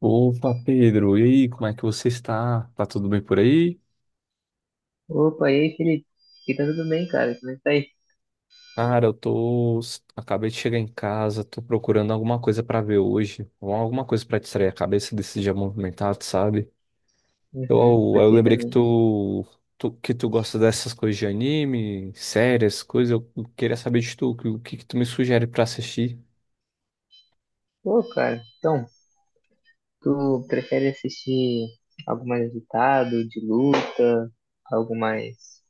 Opa, Pedro, e aí, como é que você está? Tá tudo bem por aí? Opa, e aí, Felipe? Aqui tá tudo bem, cara? Como é que tá aí? Cara, eu tô. Acabei de chegar em casa, tô procurando alguma coisa pra ver hoje, alguma coisa pra distrair a cabeça desse dia movimentado, sabe? Eu, Uhum, eu lembrei que perfeitamente. tu, que tu gosta dessas coisas de anime, séries, coisas. Eu queria saber de tu, que- o que que tu me sugere pra assistir? Pô, cara, então, tu prefere assistir algo mais agitado, de luta, algo mais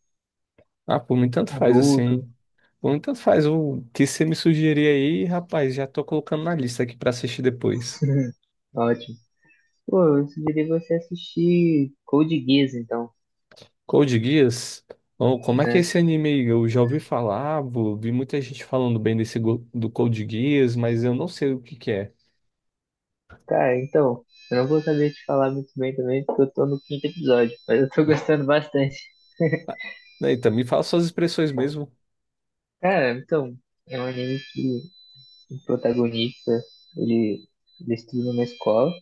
Ah, por mim tanto faz adulto? assim. Por mim tanto faz o que você me sugerir aí, rapaz, já tô colocando na lista aqui pra assistir depois. Ótimo. Pô, eu sugeri você assistir Code Geass, então, Code Geass? Oh, como é que é né? esse anime aí? Eu já ouvi falar, vi muita gente falando bem desse do Code Geass, mas eu não sei o que que é. Cara, então, eu não vou saber te falar muito bem também, porque eu tô no quinto episódio, mas eu tô gostando bastante. Ah, eita, me fala suas expressões mesmo. Cara, então, é um anime que o protagonista, ele, estuda na escola,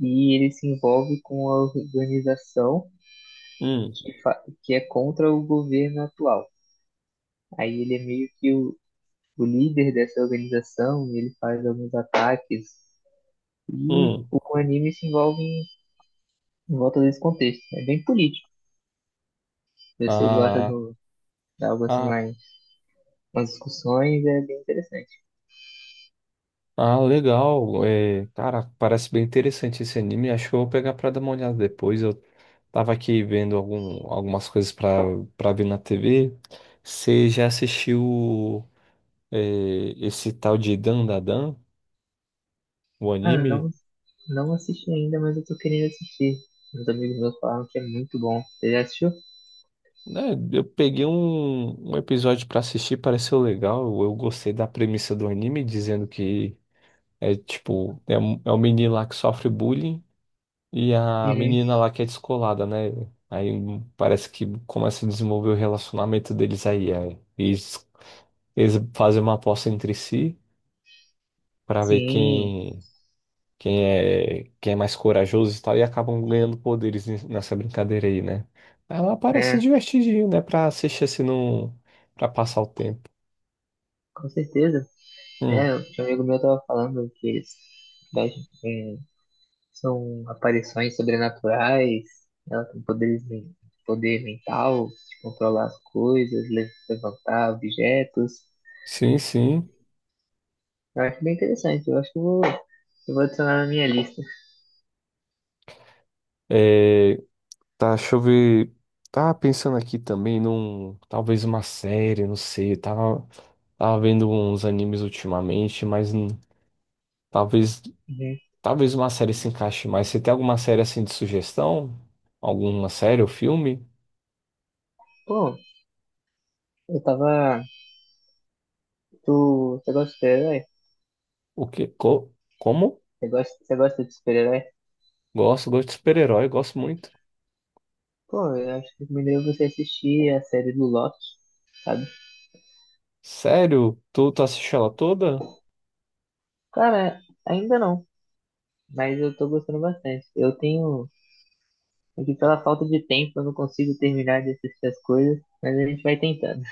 e ele se envolve com a organização Hum, que é contra o governo atual. Aí ele é meio que o, líder dessa organização e ele faz alguns ataques. E hum. o anime se envolve em, em volta desse contexto. É bem político. Se você gosta Ah, do, de algo assim ah, mais, umas discussões, é bem interessante. ah, legal. É, cara, parece bem interessante esse anime. Acho que eu vou pegar pra dar uma olhada depois. Eu tava aqui vendo algumas coisas pra, pra ver na TV. Você já assistiu, é, esse tal de Dan Da Dan, o Ah, anime? não, não assisti ainda, mas eu tô querendo assistir. Meus amigos meus falaram que é muito bom. Você já assistiu? Né, eu peguei um episódio pra assistir, pareceu legal. Eu gostei da premissa do anime, dizendo que é tipo, é um menino lá que sofre bullying e a Uhum. menina lá que é descolada, né? Aí parece que começa a desenvolver o relacionamento deles aí. Aí eles, fazem uma aposta entre si pra ver Sim, quem quem é mais corajoso e tal, e acabam ganhando poderes nessa brincadeira aí, né? Ela parece né? divertidinho, né? Pra assistir assim, não, pra passar o tempo. Com certeza. Hum, É, o tio amigo meu tava falando que eles mexem com- são aparições sobrenaturais, ela tem poderes, poder mental, de controlar as coisas, levantar objetos. sim, sim. Eu acho bem interessante, eu acho que eu vou adicionar na minha lista. É, tá, deixa eu ver. Tava pensando aqui também num. Talvez uma série, não sei. Tava, tava vendo uns animes ultimamente, mas talvez. Uhum. Talvez uma série se encaixe mais. Você tem alguma série assim de sugestão? Alguma série ou filme? Pô, eu tava. Você gosta de super-herói? O quê? Co como? Você gosta de super-herói? Gosto, gosto de super-herói, gosto muito. Pô, eu acho que recomendaria você assistir a série do Loki, sabe? Sério? Tu, tu assiste ela toda? Cara, ainda não, mas eu tô gostando bastante. Eu tenho. É que pela falta de tempo eu não consigo terminar de assistir as coisas, mas a gente vai tentando.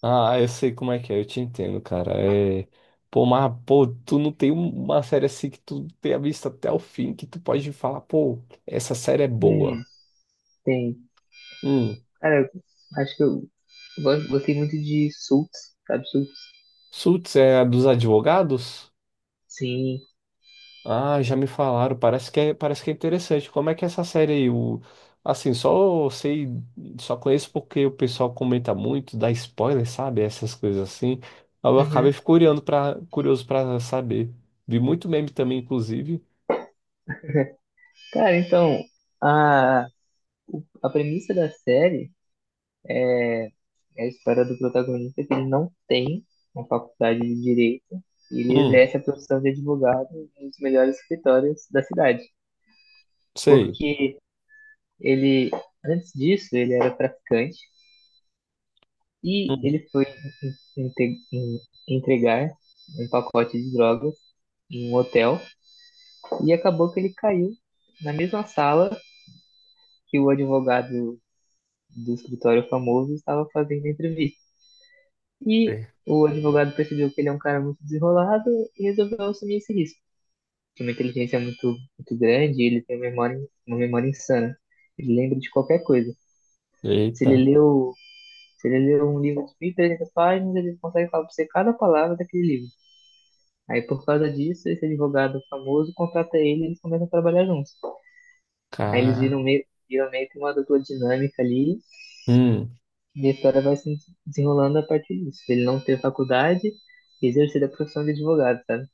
Ah, eu sei como é que é, eu te entendo, cara. É, pô, mas, pô, tu não tem uma série assim que tu tenha visto até o fim, que tu pode falar, pô, essa série é Hum, boa. tem. Hum, Cara, eu acho que eu gostei muito de Suits, sabe Suits? Suits é a dos advogados? Sim. Ah, já me falaram. Parece que é interessante. Como é que é essa série aí? O, assim, só sei, só conheço porque o pessoal comenta muito, dá spoiler, sabe? Essas coisas assim. Aí eu Uhum. acabei fico curioso para curioso para saber. Vi muito meme também, inclusive. Cara, então, a, a premissa da série é a história do protagonista é que ele não tem uma faculdade de direito e ele Hum, exerce a profissão de advogado em um dos melhores escritórios da cidade. sei. Porque ele, antes disso, ele era traficante. E Hum, ele foi inte- em- entregar um pacote de drogas em um hotel e acabou que ele caiu na mesma sala que o advogado do escritório famoso estava fazendo a entrevista. E sei. o advogado percebeu que ele é um cara muito desenrolado e resolveu assumir esse risco. Tem uma inteligência muito, muito grande e ele tem uma memória insana. Ele lembra de qualquer coisa. Se ele Eita, leu, se ele leu um livro de 1.300 páginas, ele consegue falar para você cada palavra daquele livro. Aí por causa disso, esse advogado famoso contrata ele e eles começam a trabalhar juntos. Aí eles cara. Viram meio que uma dupla dinâmica ali Hum, e a história vai se desenrolando a partir disso. Ele não ter faculdade e exercer a profissão de advogado, sabe?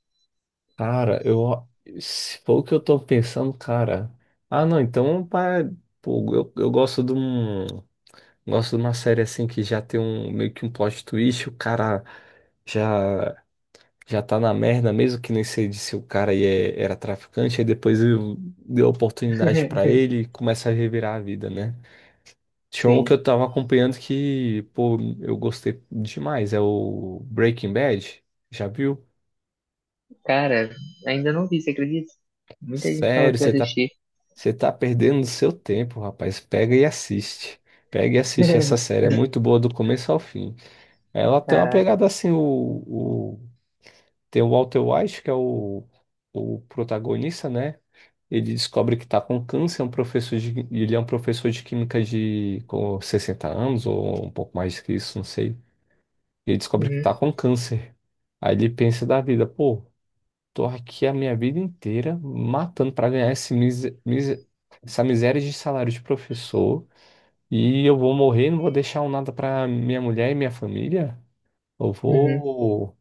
cara, eu se for o que eu tô pensando, cara. Ah, não, então, pá, pô, eu gosto de um. Gosto de uma série assim que já tem um meio que um plot twist, o cara já já tá na merda, mesmo que nem sei de se o cara aí era traficante, aí depois deu oportunidade pra ele e começa a revirar a vida, né? Tinha um que eu Sim. tava acompanhando que, pô, eu gostei demais, é o Breaking Bad. Já viu? Cara, ainda não vi, você acredita? Muita gente fala Sério, pra assistir. você tá perdendo seu tempo, rapaz. Pega e assiste. Pega e assiste essa série, é muito boa do começo ao fim. Ela tem uma pegada Caraca. assim. O, tem o Walter White, que é o protagonista, né? Ele descobre que está com câncer, é um professor de, ele é um professor de química de com 60 anos, ou um pouco mais que isso, não sei. Ele descobre que Uhum, está com câncer. Aí ele pensa da vida, pô, tô aqui a minha vida inteira matando para ganhar esse essa miséria de salário de professor, e eu vou morrer, não vou deixar um nada para minha mulher e minha família. Eu uhum. vou.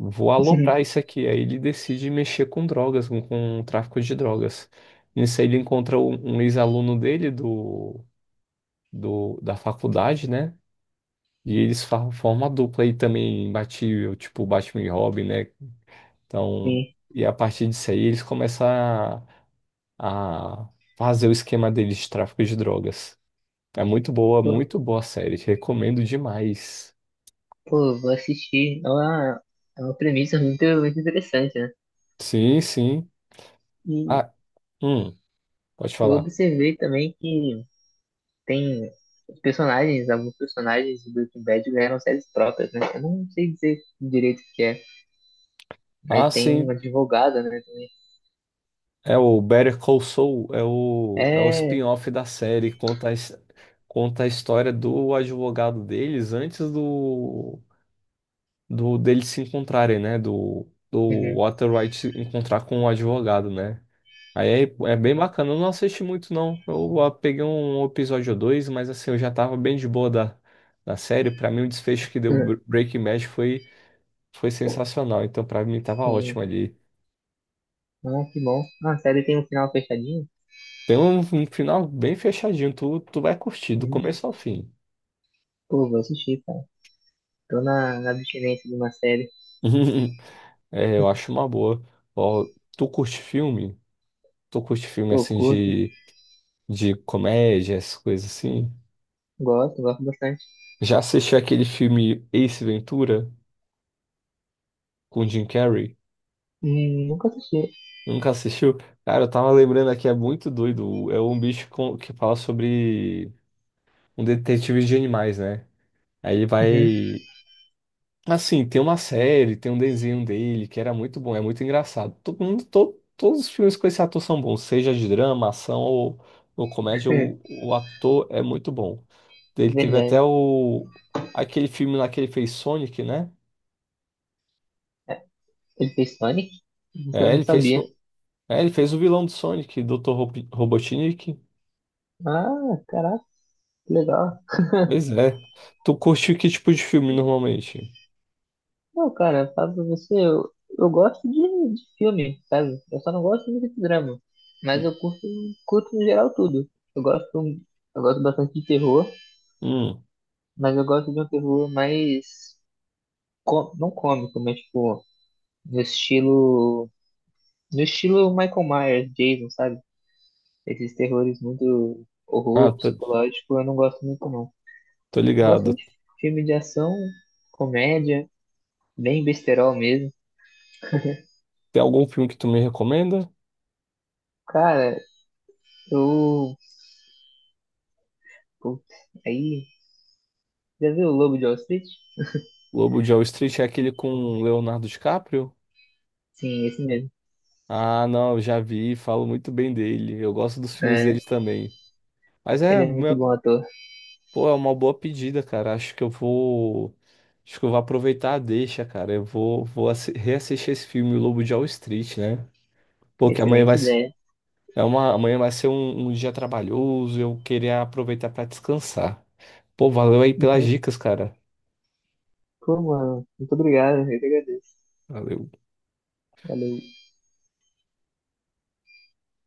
Vou aloprar isso aqui. Aí ele decide mexer com drogas, com o tráfico de drogas. Nisso aí ele encontra um ex-aluno dele do, do, da faculdade, né? E eles formam uma dupla aí também imbatível, tipo Batman e Robin, né? Então, Sim. e a partir disso aí eles começam a fazer o esquema deles de tráfico de drogas. É Pô, muito boa a série. Recomendo demais. pô, vou assistir. É uma premissa muito, muito interessante, né? Sim, sim. E Ah, hum, pode eu falar. observei também que tem os personagens, alguns personagens de Breaking Bad ganharam séries próprias, né? Eu não sei dizer direito o que é, Ah, mas tem sim. uma advogada, né? É o Better Call Saul, é o, é o É. spin-off da série, conta a, conta a história do advogado deles antes do, do deles se encontrarem, né? Do, do Uhum. Walter White se encontrar com o advogado, né? Aí é, é bem bacana, eu não assisti muito não, eu ah, peguei um episódio ou dois, mas assim, eu já tava bem de boa da, da série, pra mim o desfecho que deu Breaking Bad foi, foi sensacional, então pra mim tava Sim. ótimo ali. Ah, que bom. Ah, a série tem um final fechadinho? Tem um, um final bem fechadinho, tu, tu vai curtir do Uhum. começo ao fim. Pô, vou assistir, cara. Tô na, na abstinência de uma série. É, eu acho uma boa. Ó, tu curte filme? Tu curte filme Pô, assim curto, de comédia, essas coisas assim? gosto, gosto bastante. Já assistiu aquele filme Ace Ventura com Jim Carrey? Nunca assisti. Nunca assistiu? Cara, eu tava lembrando aqui, é muito doido. É um bicho que fala sobre um detetive de animais, né? Aí ele Uhum. vai. Assim, tem uma série, tem um desenho dele que era muito bom, é muito engraçado. Todo mundo, todos os filmes com esse ator são bons, seja de drama, ação ou comédia, o ator é muito bom. Ele teve até Verdade. o aquele filme lá que ele fez Sonic, né? É, ele fez Sonic? É, Não ele fez, sabia. o- é, ele fez o vilão do Sonic, Dr. Robotnik. Ah, caraca, que legal. Pois é. Tu curte que tipo de filme normalmente? Não, cara, falo pra você, eu gosto de filme, sabe? Eu só não gosto muito de drama. Mas Hum. eu curto, curto no geral tudo. Eu gosto, eu gosto bastante de terror, Hum, mas eu gosto de um terror mais, não cômico, mas tipo, no estilo, no estilo Michael Myers, Jason, sabe? Esses terrores muito ah, horror, tô, psicológico, eu não gosto muito não. tô Eu gosto ligado. de filme de ação, comédia, bem besterol mesmo. Tem algum filme que tu me recomenda? Cara, eu, putz, aí já viu o Lobo de Wall Street? Lobo de Wall Street é aquele com Leonardo DiCaprio? Sim, esse mesmo. Ah, não, eu já vi, falo muito bem dele. Eu gosto dos filmes É, deles também. Mas é, ele é muito uma- bom ator. pô, é uma boa pedida, cara. Acho que eu vou, acho que eu vou aproveitar a deixa, cara. Eu vou, reassistir esse filme, o Lobo de Wall Street, né? Porque amanhã Excelente vai, se- ideia. é uma, amanhã vai ser um, um dia trabalhoso, eu queria aproveitar pra descansar. Pô, valeu aí pelas Uhum. dicas, cara. Pô, mano, muito obrigado. Eu que agradeço. Valeu. Valeu.